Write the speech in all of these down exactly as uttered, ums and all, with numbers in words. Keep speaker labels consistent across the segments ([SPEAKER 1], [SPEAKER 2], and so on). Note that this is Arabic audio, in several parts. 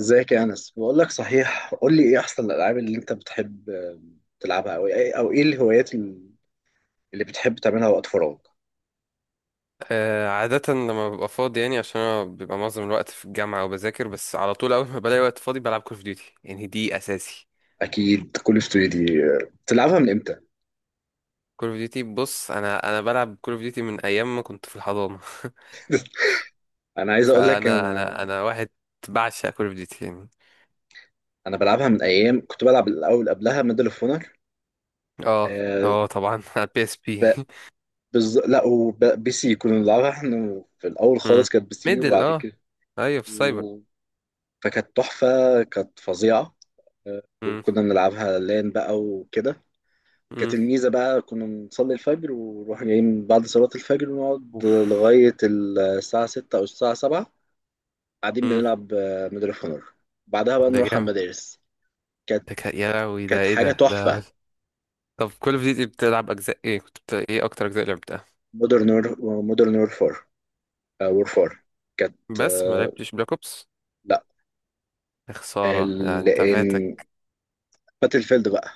[SPEAKER 1] ازيك يا انس؟ بقول لك، صحيح، قول لي ايه احسن الالعاب اللي انت بتحب تلعبها، او ايه او ايه الهوايات اللي بتحب تعملها وقت فراغ؟
[SPEAKER 2] آه، عادة لما ببقى فاضي يعني عشان أنا بيبقى معظم الوقت في الجامعة وبذاكر، بس على طول أول ما بلاقي وقت فاضي بلعب كول أوف ديوتي، يعني دي أساسي.
[SPEAKER 1] اكيد. كل اوف دي بتلعبها من امتى؟
[SPEAKER 2] كول أوف ديوتي، بص، أنا أنا بلعب كول أوف ديوتي من أيام ما كنت في الحضانة.
[SPEAKER 1] انا عايز اقول لك.
[SPEAKER 2] فأنا أنا
[SPEAKER 1] انا
[SPEAKER 2] أنا واحد بعشق كول أوف ديوتي يعني.
[SPEAKER 1] انا بلعبها من ايام كنت بلعب الاول قبلها ميدل اوف اونر.
[SPEAKER 2] أه
[SPEAKER 1] آه
[SPEAKER 2] أه طبعا. على بي إس بي.
[SPEAKER 1] ب... بز... لا، وبي سي كنا بنلعبها احنا في الاول خالص. كانت بي سي،
[SPEAKER 2] ميدل.
[SPEAKER 1] وبعد
[SPEAKER 2] أه،
[SPEAKER 1] كده
[SPEAKER 2] أيوة في السايبر.
[SPEAKER 1] و- فكانت تحفة، كانت فظيعة. آه،
[SPEAKER 2] مم،
[SPEAKER 1] وكنا بنلعبها لان بقى وكده. كانت
[SPEAKER 2] مم،
[SPEAKER 1] الميزة بقى كنا نصلي الفجر ونروح جايين بعد صلاة الفجر ونقعد
[SPEAKER 2] أوف،
[SPEAKER 1] لغاية الساعة ستة أو الساعة سبعة، قاعدين
[SPEAKER 2] مم،
[SPEAKER 1] بنلعب آه، ميدل اوف اونر. بعدها بقى
[SPEAKER 2] ده
[SPEAKER 1] نروح على
[SPEAKER 2] جامد.
[SPEAKER 1] المدارس. كانت
[SPEAKER 2] ده كا- يا لهوي، ده
[SPEAKER 1] كانت
[SPEAKER 2] إيه
[SPEAKER 1] حاجة
[SPEAKER 2] ده ده؟
[SPEAKER 1] تحفة.
[SPEAKER 2] طب كول أوف ديوتي بتلعب أجزاء إيه؟ كنت بت... إيه أكتر أجزاء لعبتها؟
[SPEAKER 1] مودرن مودرن وورفار وورفار. كانت
[SPEAKER 2] بس ما
[SPEAKER 1] آه،
[SPEAKER 2] لعبتش بلاك أوبس،
[SPEAKER 1] لا،
[SPEAKER 2] يا خسارة يعني،
[SPEAKER 1] ال...
[SPEAKER 2] انت فاتك.
[SPEAKER 1] باتل فيلد بقى.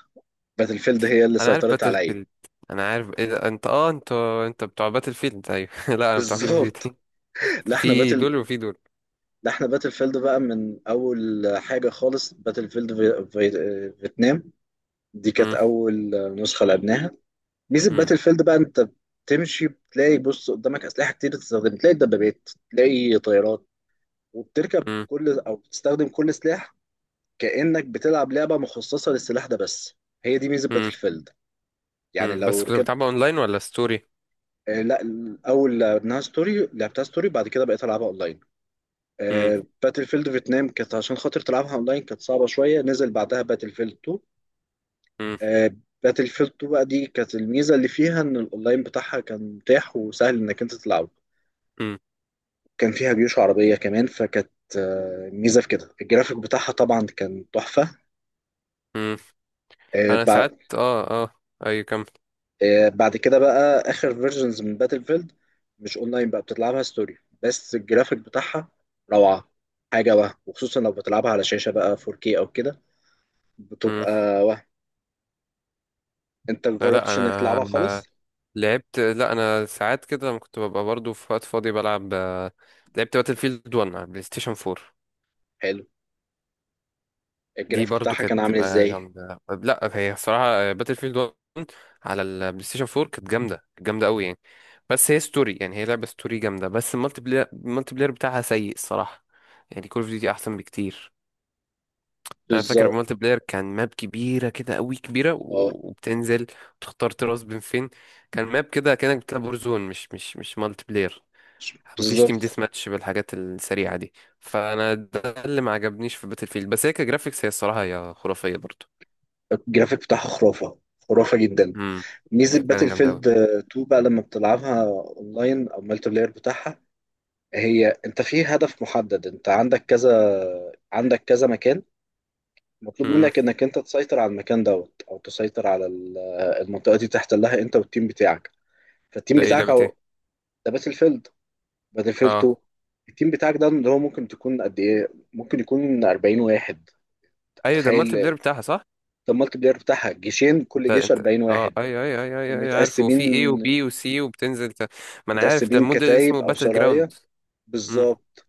[SPEAKER 1] باتل فيلد هي اللي
[SPEAKER 2] انا عارف
[SPEAKER 1] سيطرت
[SPEAKER 2] باتل
[SPEAKER 1] عليا.
[SPEAKER 2] فيلد. انا عارف ايه ده، انت اه انت انت بتوع باتل فيلد، ايوه. لا، انا بتوع كول اوف
[SPEAKER 1] بالظبط.
[SPEAKER 2] ديوتي.
[SPEAKER 1] لا احنا
[SPEAKER 2] في
[SPEAKER 1] باتل
[SPEAKER 2] دول وفي دول.
[SPEAKER 1] لا احنا باتل فيلد بقى من اول حاجه خالص. باتل فيلد في... في... آه، فيتنام، دي كانت
[SPEAKER 2] مم،
[SPEAKER 1] أول نسخة لعبناها. ميزة
[SPEAKER 2] مم،
[SPEAKER 1] باتل فيلد بقى أنت بتمشي بتلاقي، بص، قدامك أسلحة كتير تستخدم، تلاقي دبابات، تلاقي طيارات، وبتركب
[SPEAKER 2] مم،
[SPEAKER 1] كل أو بتستخدم كل سلاح كأنك بتلعب لعبة مخصصة للسلاح ده بس. هي دي ميزة
[SPEAKER 2] مم،
[SPEAKER 1] باتل فيلد. يعني
[SPEAKER 2] مم.
[SPEAKER 1] لو
[SPEAKER 2] بس كنت بتلعبها
[SPEAKER 1] ركبت
[SPEAKER 2] اونلاين ولا ستوري؟
[SPEAKER 1] آه لا، الأول لعبناها ستوري، لعبتها ستوري، بعد كده بقيت ألعبها أونلاين.
[SPEAKER 2] مم،
[SPEAKER 1] آه، باتل فيلد فيتنام كانت عشان خاطر تلعبها أونلاين كانت صعبة شوية. نزل بعدها باتل فيلد اتنين.
[SPEAKER 2] مم،
[SPEAKER 1] باتل فيلد اتنين بقى، دي كانت الميزه اللي فيها ان الاونلاين بتاعها كان متاح وسهل انك انت تلعبه.
[SPEAKER 2] مم،
[SPEAKER 1] كان فيها جيوش عربيه كمان، فكانت آه، ميزه في كده. الجرافيك بتاعها طبعا كان تحفه.
[SPEAKER 2] مم.
[SPEAKER 1] آه،
[SPEAKER 2] انا
[SPEAKER 1] بع-
[SPEAKER 2] ساعات اه اه، ايوه كمل.
[SPEAKER 1] آه، بعد كده بقى اخر فيرجنز من باتل فيلد مش اونلاين بقى، بتلعبها ستوري، بس الجرافيك بتاعها روعه، حاجه وهم. وخصوصا لو بتلعبها على شاشه بقى فور كيه او كده،
[SPEAKER 2] مم.
[SPEAKER 1] بتبقى وهم. انت
[SPEAKER 2] لا لا،
[SPEAKER 1] مجربتش انك
[SPEAKER 2] انا
[SPEAKER 1] تلعبها خالص؟
[SPEAKER 2] آه، لعبت. لا، انا ساعات كده لما كنت ببقى برضو في وقت فاضي بلعب، آه، لعبت باتل فيلد واحد على بلاي ستيشن أربعة.
[SPEAKER 1] حلو.
[SPEAKER 2] دي
[SPEAKER 1] الجرافيك
[SPEAKER 2] برضو
[SPEAKER 1] بتاعها
[SPEAKER 2] كانت
[SPEAKER 1] كان عامل
[SPEAKER 2] تبقى
[SPEAKER 1] ازاي؟
[SPEAKER 2] جامدة. لا، هي الصراحة باتل فيلد واحد على البلاي ستيشن أربعة كانت جامدة، كانت جامدة قوي يعني. بس هي ستوري، يعني هي لعبة ستوري جامدة، بس المالتي بلاير، المالتي بلاير بتاعها سيء الصراحة، يعني كول اوف ديوتي أحسن بكتير. أنا فاكر
[SPEAKER 1] بالظبط.
[SPEAKER 2] المالتي بلاير كان ماب كبيرة كده قوي كبيرة
[SPEAKER 1] اه،
[SPEAKER 2] و- وبتنزل وتختار تراس بين فين. كان ماب كده كأنك بتلعب ورزون، مش مش مش مالتي بلاير. مفيش تيم
[SPEAKER 1] بالظبط.
[SPEAKER 2] ديث ماتش بالحاجات السريعة دي. فأنا ده اللي ما عجبنيش في باتل فيلد، بس هي كجرافيكس هي الصراحة هي خرافية برضو.
[SPEAKER 1] الجرافيك بتاعها خرافة، خرافة جدا.
[SPEAKER 2] امم،
[SPEAKER 1] ميزة
[SPEAKER 2] هي فعلا
[SPEAKER 1] باتل
[SPEAKER 2] جامده قوي.
[SPEAKER 1] فيلد اتنين بقى لما بتلعبها اونلاين او مالتي بلاير بتاعها، هي انت في هدف محدد. انت عندك كذا، عندك كذا مكان مطلوب
[SPEAKER 2] امم،
[SPEAKER 1] منك انك انت تسيطر على المكان دوت، او تسيطر على ال- المنطقة دي، تحتلها انت والتيم بتاعك. فالتيم
[SPEAKER 2] ده ايه؟
[SPEAKER 1] بتاعك
[SPEAKER 2] لعبه
[SPEAKER 1] اهو.
[SPEAKER 2] ايه؟
[SPEAKER 1] ده باتل فيلد، باتل فيلد
[SPEAKER 2] اه
[SPEAKER 1] اتنين. التيم بتاعك ده اللي هو ممكن تكون قد ايه؟ ممكن يكون اربعين واحد.
[SPEAKER 2] ايوه، ده المالتي بلاير
[SPEAKER 1] تخيل.
[SPEAKER 2] بتاعها صح.
[SPEAKER 1] ده المالتي بلاير بتاعها، جيشين،
[SPEAKER 2] انت
[SPEAKER 1] كل جيش
[SPEAKER 2] انت
[SPEAKER 1] اربعين
[SPEAKER 2] اه
[SPEAKER 1] واحد.
[SPEAKER 2] ايوه ايوه ايوه ايوه أيوة، عارف، وفي
[SPEAKER 1] ومتقسمين.
[SPEAKER 2] ايه وبي وسي وبتنزل ت... ما انا عارف، ده
[SPEAKER 1] متقسمين
[SPEAKER 2] المود اللي اسمه
[SPEAKER 1] كتايب او
[SPEAKER 2] باتل جراوند.
[SPEAKER 1] سرايا.
[SPEAKER 2] امم،
[SPEAKER 1] بالظبط.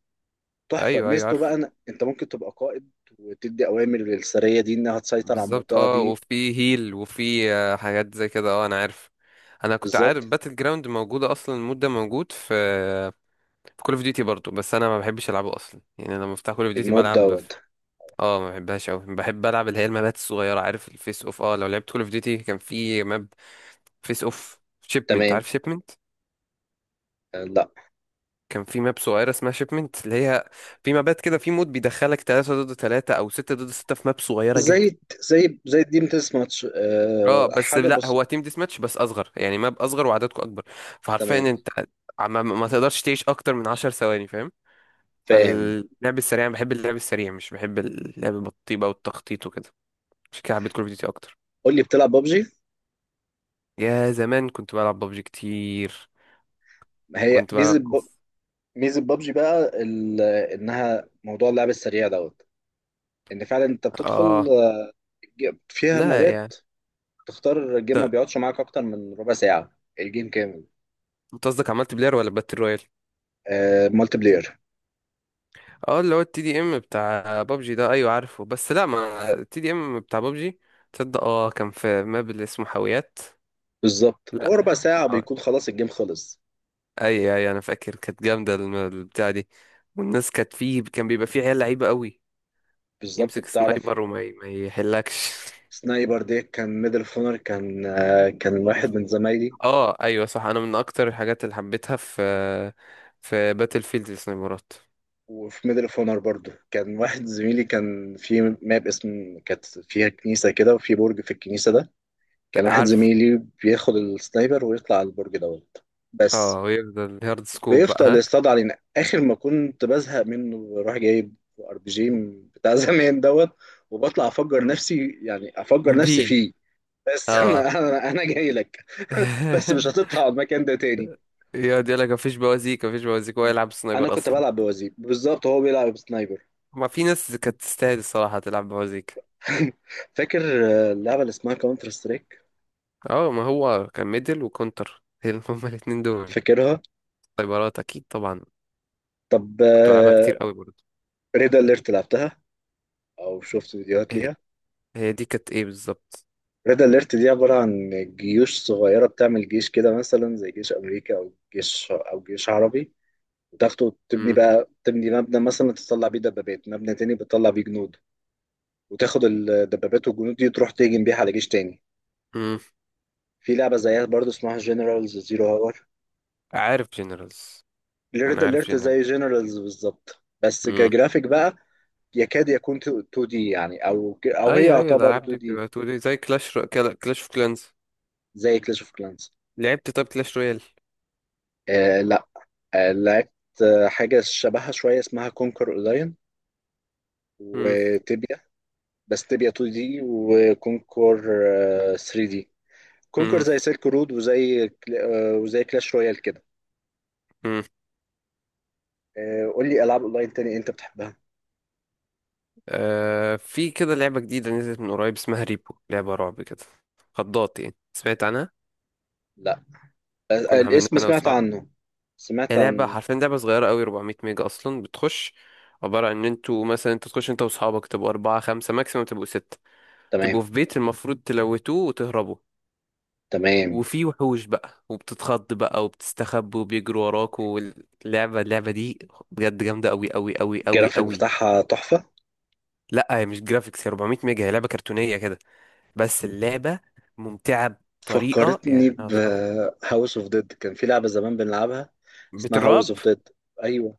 [SPEAKER 1] تحفه.
[SPEAKER 2] ايوه ايوه
[SPEAKER 1] ميزته بقى
[SPEAKER 2] عارف.
[SPEAKER 1] إن انت ممكن تبقى قائد وتدي اوامر للسريه دي انها تسيطر على
[SPEAKER 2] بالظبط،
[SPEAKER 1] المنطقه
[SPEAKER 2] اه
[SPEAKER 1] دي.
[SPEAKER 2] وفي هيل وفي، آه، حاجات زي كده، اه انا عارف. انا كنت
[SPEAKER 1] بالظبط.
[SPEAKER 2] عارف باتل جراوند موجوده اصلا، المود ده موجود في في كول اوف ديوتي برضو، بس انا ما بحبش العبه اصلا يعني. لما بفتح كول اوف ديوتي
[SPEAKER 1] المود
[SPEAKER 2] بلعب،
[SPEAKER 1] دوت.
[SPEAKER 2] اه ما بحبهاش قوي، بحب العب اللي هي المابات الصغيره، عارف الفيس اوف؟ اه، لو لعبت كول اوف ديوتي كان في ماب فيس اوف شيبمنت،
[SPEAKER 1] تمام.
[SPEAKER 2] عارف شيبمنت؟
[SPEAKER 1] آه لا.
[SPEAKER 2] كان في ماب صغيره اسمها شيبمنت، اللي هي في مابات كده في مود بيدخلك ثلاثة ضد ثلاثة او ستة ضد ستة في ماب صغيره جدا.
[SPEAKER 1] زي زي زي الديم تيس ماتش،
[SPEAKER 2] اه
[SPEAKER 1] آه
[SPEAKER 2] بس
[SPEAKER 1] حاجه
[SPEAKER 2] لا،
[SPEAKER 1] بس.
[SPEAKER 2] هو تيم ديس ماتش بس اصغر، يعني ماب اصغر وعددكم اكبر. فحرفيا
[SPEAKER 1] تمام.
[SPEAKER 2] انت ما, ما تقدرش تعيش اكتر من عشر ثواني، فاهم؟
[SPEAKER 1] فاهم.
[SPEAKER 2] فاللعب السريع أنا بحب اللعب السريع، مش بحب اللعب بالطيبه والتخطيط وكده. عشان كده حبيت كول اوف ديوتي اكتر.
[SPEAKER 1] قول لي، بتلعب ببجي؟
[SPEAKER 2] يا زمان كنت بلعب ببجي كتير.
[SPEAKER 1] ما هي
[SPEAKER 2] كنت
[SPEAKER 1] ميزه
[SPEAKER 2] بلعب
[SPEAKER 1] ب-
[SPEAKER 2] اوف،
[SPEAKER 1] ميزه ببجي بقى ال- انها موضوع اللعب السريع دوت. ان فعلا انت بتدخل
[SPEAKER 2] اه
[SPEAKER 1] آه، فيها
[SPEAKER 2] لا
[SPEAKER 1] مابات،
[SPEAKER 2] يعني،
[SPEAKER 1] تختار الجيم، ما
[SPEAKER 2] ده
[SPEAKER 1] بيقعدش معاك اكتر من ربع ساعه، الجيم كامل.
[SPEAKER 2] انت قصدك عملت بلاير ولا باتل رويال؟
[SPEAKER 1] آه، مالتي بلاير.
[SPEAKER 2] اه اللي هو التي دي ام بتاع ببجي ده، ايوه عارفه. بس لا، ما التي دي ام بتاع ببجي، تصدق اه كان في ماب اللي اسمه حاويات.
[SPEAKER 1] بالظبط،
[SPEAKER 2] لا
[SPEAKER 1] هو ربع ساعة
[SPEAKER 2] حو...
[SPEAKER 1] بيكون خلاص الجيم خلص.
[SPEAKER 2] اي اي، انا فاكر كانت جامده الم- البتاع دي. والناس كانت فيه، كان بيبقى فيه عيال لعيبه قوي،
[SPEAKER 1] بالظبط،
[SPEAKER 2] يمسك
[SPEAKER 1] بتعرف.
[SPEAKER 2] سنايبر وما ي- ما يحلكش.
[SPEAKER 1] سنايبر دي كان ميدل اوف اونر. كان آه كان واحد من زمايلي.
[SPEAKER 2] اه ايوه صح، انا من اكتر الحاجات اللي حبيتها في في باتل فيلد السنايبرات.
[SPEAKER 1] وفي ميدل اوف اونر برضه كان واحد زميلي كان في ماب اسم كانت فيها كنيسة كده، وفي برج في الكنيسة ده كان واحد
[SPEAKER 2] عارف،
[SPEAKER 1] زميلي بياخد السنايبر ويطلع على البرج دوت،
[SPEAKER 2] اه
[SPEAKER 1] بس
[SPEAKER 2] ويفضل هارد سكوب بقى،
[SPEAKER 1] بيفضل
[SPEAKER 2] ها.
[SPEAKER 1] يصطاد علينا. اخر ما كنت بزهق منه، بروح جايب ار بي جي بتاع زمان دوت، وبطلع افجر
[SPEAKER 2] مم.
[SPEAKER 1] نفسي، يعني افجر نفسي
[SPEAKER 2] بي،
[SPEAKER 1] فيه. بس
[SPEAKER 2] اه.
[SPEAKER 1] انا، انا انا جاي لك، بس مش هتطلع على المكان ده تاني.
[SPEAKER 2] يقعد يقول لك مفيش بوازيك مفيش بوازيك، هو يلعب
[SPEAKER 1] انا
[SPEAKER 2] سنايبر
[SPEAKER 1] كنت
[SPEAKER 2] اصلا.
[SPEAKER 1] بلعب بوزير، بالظبط هو بيلعب بسنايبر.
[SPEAKER 2] ما في ناس كانت تستاهل الصراحه تلعب بوازيك.
[SPEAKER 1] فاكر آه، اللعبه اللي اسمها كاونتر سترايك؟
[SPEAKER 2] اه ما هو كان ميدل وكونتر، هي- هما الاتنين دول
[SPEAKER 1] فاكرها.
[SPEAKER 2] سنايبرات اكيد طبعا.
[SPEAKER 1] طب
[SPEAKER 2] كنت بلعبها كتير قوي برضه.
[SPEAKER 1] ريد اليرت لعبتها، او شفت فيديوهات
[SPEAKER 2] هي
[SPEAKER 1] ليها؟
[SPEAKER 2] هي دي كانت ايه بالظبط؟
[SPEAKER 1] ريد اليرت دي عباره عن جيوش صغيره، بتعمل جيش كده مثلا زي جيش امريكا او جيش او جيش عربي، وتاخده تبني
[SPEAKER 2] مم.
[SPEAKER 1] بقى، تبني مبنى مثلا تطلع بيه دبابات، مبنى تاني بتطلع بيه جنود، وتاخد الدبابات والجنود دي تروح تهجم بيها على جيش تاني.
[SPEAKER 2] مم.
[SPEAKER 1] في لعبة زيها برضو اسمها جنرالز زيرو هاور.
[SPEAKER 2] عارف جنرالز.
[SPEAKER 1] ريد
[SPEAKER 2] انا عارف
[SPEAKER 1] اليرت
[SPEAKER 2] جنرال.
[SPEAKER 1] زي جنرالز بالظبط، بس كجرافيك بقى، يكاد يكون 2 دي يعني، او او هي
[SPEAKER 2] اي اي،
[SPEAKER 1] يعتبر
[SPEAKER 2] الالعاب
[SPEAKER 1] 2
[SPEAKER 2] دي
[SPEAKER 1] دي.
[SPEAKER 2] بتبقى تقولي زي كلاش رو... كلاش اوف كلانز.
[SPEAKER 1] زي كلاش اوف كلانس.
[SPEAKER 2] لعبت طب كلاش رويال؟
[SPEAKER 1] آه لا. آه لعبت آه، حاجة شبهها شوية اسمها كونكر اونلاين.
[SPEAKER 2] مم.
[SPEAKER 1] وتبيا، بس تبيا 2 دي. وكونكر 3 دي. كونكر
[SPEAKER 2] مم.
[SPEAKER 1] زي سيلك رود وزي كلا- آه، وزي كلاش رويال كده.
[SPEAKER 2] مم.
[SPEAKER 1] آه، قول لي العاب اونلاين تاني انت بتحبها.
[SPEAKER 2] آه، في كده لعبة جديدة نزلت من قريب اسمها ريبو، لعبة رعب كده، خضات يعني. سمعت عنها؟
[SPEAKER 1] لا. آه، آه،
[SPEAKER 2] كنا عاملينها
[SPEAKER 1] الاسم
[SPEAKER 2] انا
[SPEAKER 1] سمعت
[SPEAKER 2] واصحابي.
[SPEAKER 1] عنه. سمعت
[SPEAKER 2] هي لعبة،
[SPEAKER 1] عن.
[SPEAKER 2] حرفيا لعبة صغيرة قوي، أربعمائة ميجا اصلا، بتخش عبارة عن ان انتوا مثلا، انت تخش انت واصحابك، تبقوا أربعة خمسة ماكسيموم تبقوا ستة،
[SPEAKER 1] تمام.
[SPEAKER 2] تبقوا في بيت المفروض تلوتوه وتهربوا،
[SPEAKER 1] تمام.
[SPEAKER 2] وفي وحوش بقى وبتتخض بقى وبتستخبى وبيجروا وراك، واللعبة، اللعبة دي بجد جامدة أوي أوي أوي أوي
[SPEAKER 1] الجرافيك
[SPEAKER 2] أوي.
[SPEAKER 1] بتاعها تحفة.
[SPEAKER 2] لا هي مش جرافيكس، هي أربعمائة ميجا، هي لعبة كرتونية كده، بس اللعبة ممتعة بطريقة
[SPEAKER 1] فكرتني
[SPEAKER 2] يعني أنا
[SPEAKER 1] ب
[SPEAKER 2] وأصحابي.
[SPEAKER 1] هاوس اوف ديد. كان في لعبة زمان بنلعبها اسمها هاوس
[SPEAKER 2] بتراب،
[SPEAKER 1] اوف ديد. ايوه،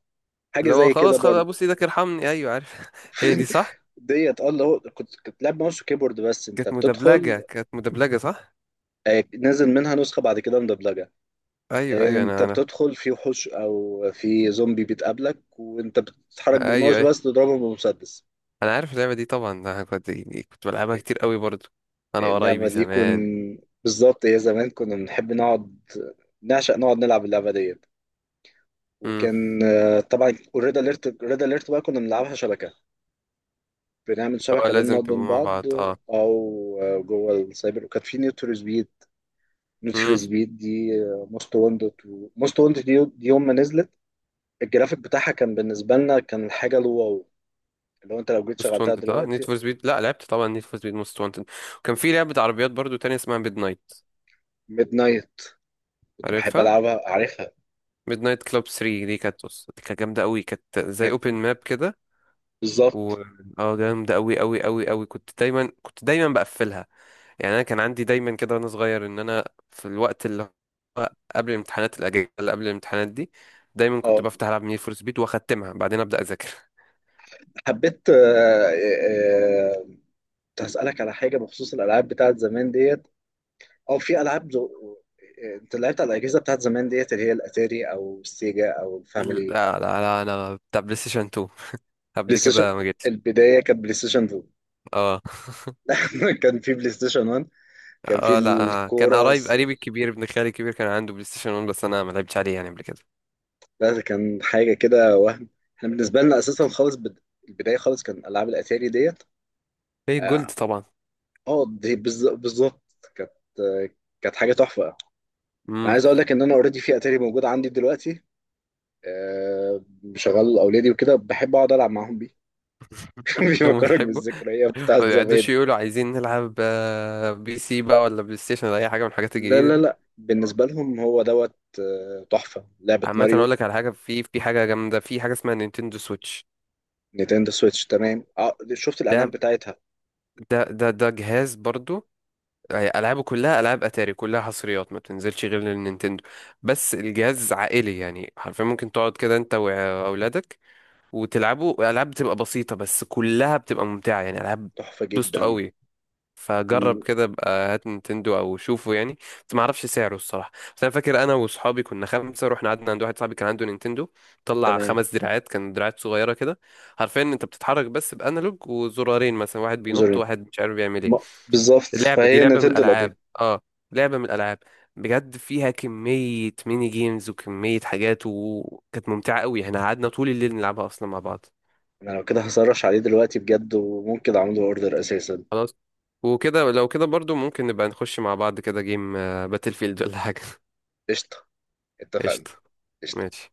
[SPEAKER 1] حاجة
[SPEAKER 2] اللي هو
[SPEAKER 1] زي كده
[SPEAKER 2] خلاص خلاص
[SPEAKER 1] برضه.
[SPEAKER 2] أبوس إيدك ارحمني. أيوة عارف، هي دي صح.
[SPEAKER 1] ديت. اه، اللي هو كنت كنت لعب ماوس وكيبورد، بس انت
[SPEAKER 2] كانت
[SPEAKER 1] بتدخل.
[SPEAKER 2] مدبلجة، كانت مدبلجة صح.
[SPEAKER 1] آه، نازل منها نسخة بعد كده مدبلجة.
[SPEAKER 2] أيوة
[SPEAKER 1] آه،
[SPEAKER 2] أيوة،
[SPEAKER 1] انت
[SPEAKER 2] أنا أنا.
[SPEAKER 1] بتدخل في وحوش او في زومبي بتقابلك، وانت بتتحرك
[SPEAKER 2] أيوة
[SPEAKER 1] بالماوس
[SPEAKER 2] أيوة،
[SPEAKER 1] بس تضربهم بمسدس.
[SPEAKER 2] أنا عارف اللعبة دي طبعا، أنا كنت يعني كنت بلعبها كتير أوي برضو أنا
[SPEAKER 1] اللعبة
[SPEAKER 2] وقرايبي
[SPEAKER 1] دي كن
[SPEAKER 2] زمان.
[SPEAKER 1] بالظبط، هي زمان كنا بنحب نقعد، نعشق نقعد نلعب اللعبة دي.
[SPEAKER 2] امم،
[SPEAKER 1] وكان آه، طبعا والريد اليرت، الريد اليرت بقى كنا بنلعبها شبكه، بنعمل
[SPEAKER 2] اه
[SPEAKER 1] شبكه بيننا
[SPEAKER 2] لازم تبقوا
[SPEAKER 1] وبين
[SPEAKER 2] مع بعض
[SPEAKER 1] بعض.
[SPEAKER 2] اه.
[SPEAKER 1] او آه، جوه السايبر. وكان في نيد فور سبيد. نيد فور
[SPEAKER 2] امم،
[SPEAKER 1] سبيد دي موست وانتد. موست وانتد دي دي يوم ما نزلت، الجرافيك بتاعها كان بالنسبه لنا كان الحاجه الواو. لو انت لو جيت
[SPEAKER 2] موست
[SPEAKER 1] شغلتها
[SPEAKER 2] وانتد اه، نيد
[SPEAKER 1] دلوقتي.
[SPEAKER 2] فور سبيد، لا لعبت طبعا نيد فور سبيد موست وانتد، وكان في لعبة عربيات برضو تانية اسمها ميد نايت.
[SPEAKER 1] ميد نايت كنت بحب
[SPEAKER 2] عارفها.
[SPEAKER 1] العبها، عارفها.
[SPEAKER 2] ميد نايت كلوب تري دي، كانت بص دي كانت جامدة قوي، كانت زي
[SPEAKER 1] كانت
[SPEAKER 2] اوبن ماب كده. و،
[SPEAKER 1] بالظبط.
[SPEAKER 2] اه جامدة قوي قوي قوي قوي، كنت دايما، كنت دايما بقفلها. يعني انا كان عندي دايما كده وانا صغير ان انا في الوقت اللي هو قبل الامتحانات، الاجازة اللي قبل الامتحانات دي، دايما كنت
[SPEAKER 1] اه،
[SPEAKER 2] بفتح العب نيد فور سبيد واختمها بعدين ابدا اذاكر.
[SPEAKER 1] حبيت. آه، آه، آه، كنت هسألك على حاجة بخصوص الألعاب بتاعت زمان ديت. اه، في العاب دو... انت لعبت على الاجهزه بتاعت زمان ديت اللي هي الاتاري او السيجا او
[SPEAKER 2] لا
[SPEAKER 1] الفاميلي؟
[SPEAKER 2] لا لا انا بتاع بلاي ستيشن تو،
[SPEAKER 1] بلاي
[SPEAKER 2] قبل
[SPEAKER 1] ستيشن.
[SPEAKER 2] كده ما جيتش.
[SPEAKER 1] البدايه كانت بلاي ستيشن اتنين.
[SPEAKER 2] اه.
[SPEAKER 1] كان في بلاي ستيشن واحد. كان في
[SPEAKER 2] اه لا آه، كان
[SPEAKER 1] الكوره
[SPEAKER 2] قريب،
[SPEAKER 1] الس-
[SPEAKER 2] قريبي الكبير ابن خالي الكبير كان عنده بلاي ستيشن ون، بس انا ما لعبتش عليه يعني قبل كده.
[SPEAKER 1] لا، ده كان حاجه كده وهم. احنا بالنسبه لنا اساسا خالص بد... البدايه خالص كان العاب الاتاري ديت.
[SPEAKER 2] في
[SPEAKER 1] اه.
[SPEAKER 2] جولد طبعا.
[SPEAKER 1] آه، دي بالز- بالظبط. كانت آه، كانت حاجه تحفه. انا
[SPEAKER 2] امم،
[SPEAKER 1] عايز اقول لك ان انا اوريدي في اتاري موجود عندي دلوقتي، آه، بشغل اولادي وكده، بحب اقعد العب معاهم بيه.
[SPEAKER 2] هم
[SPEAKER 1] بيفكرك
[SPEAKER 2] بيحبوا.
[SPEAKER 1] بالذكريات
[SPEAKER 2] ما
[SPEAKER 1] بتاعت
[SPEAKER 2] بيقعدوش
[SPEAKER 1] زمان.
[SPEAKER 2] يقولوا عايزين نلعب، آه، بي سي بقى ولا بلاي ستيشن ولا اي حاجه من الحاجات
[SPEAKER 1] لا،
[SPEAKER 2] الجديده
[SPEAKER 1] لا،
[SPEAKER 2] دي.
[SPEAKER 1] لا، بالنسبة لهم هو دوت آه، تحفة لعبة
[SPEAKER 2] عامه اقول
[SPEAKER 1] ماريو.
[SPEAKER 2] لك على حاجه، في في حاجه جامده، في حاجه اسمها نينتندو سويتش.
[SPEAKER 1] نينتندو سويتش، تمام، آه، شفت الإعلان
[SPEAKER 2] ده
[SPEAKER 1] بتاعتها.
[SPEAKER 2] ده ده ده جهاز برضو، آه، العابه كلها العاب اتاري، كلها حصريات ما بتنزلش غير للنينتندو. بس الجهاز عائلي يعني، حرفيا ممكن تقعد كده انت واولادك وتلعبوا العاب بتبقى بسيطه بس كلها بتبقى ممتعه، يعني العاب
[SPEAKER 1] تحفة
[SPEAKER 2] بوستو
[SPEAKER 1] جدا.
[SPEAKER 2] قوي.
[SPEAKER 1] مم،
[SPEAKER 2] فجرب كده بقى، هات نينتندو او شوفه يعني. بس ما اعرفش سعره الصراحه. بس انا فاكر انا واصحابي كنا خمسه، رحنا قعدنا عند واحد صاحبي كان عنده نينتندو، طلع
[SPEAKER 1] تمام.
[SPEAKER 2] خمس دراعات، كان دراعات صغيره كده. حرفيا انت بتتحرك بس بانالوج وزرارين، مثلا واحد بينط
[SPEAKER 1] وزرين.
[SPEAKER 2] وواحد مش عارف بيعمل ايه.
[SPEAKER 1] ما- بالظبط،
[SPEAKER 2] اللعبه دي
[SPEAKER 1] فهي
[SPEAKER 2] لعبه من
[SPEAKER 1] نينتندو القديم.
[SPEAKER 2] الالعاب، اه لعبه من الالعاب بجد، فيها كمية ميني جيمز وكمية حاجات، وكانت ممتعة قوي، احنا قعدنا طول الليل نلعبها أصلا مع بعض.
[SPEAKER 1] أنا لو كده هسرش عليه دلوقتي بجد، وممكن أعمله أوردر أساسا.
[SPEAKER 2] خلاص، وكده لو كده برضو ممكن نبقى نخش مع بعض كده جيم باتل فيلد ولا حاجة.
[SPEAKER 1] قشطة. اتفقنا.
[SPEAKER 2] قشطة.
[SPEAKER 1] قشطة.
[SPEAKER 2] ماشي.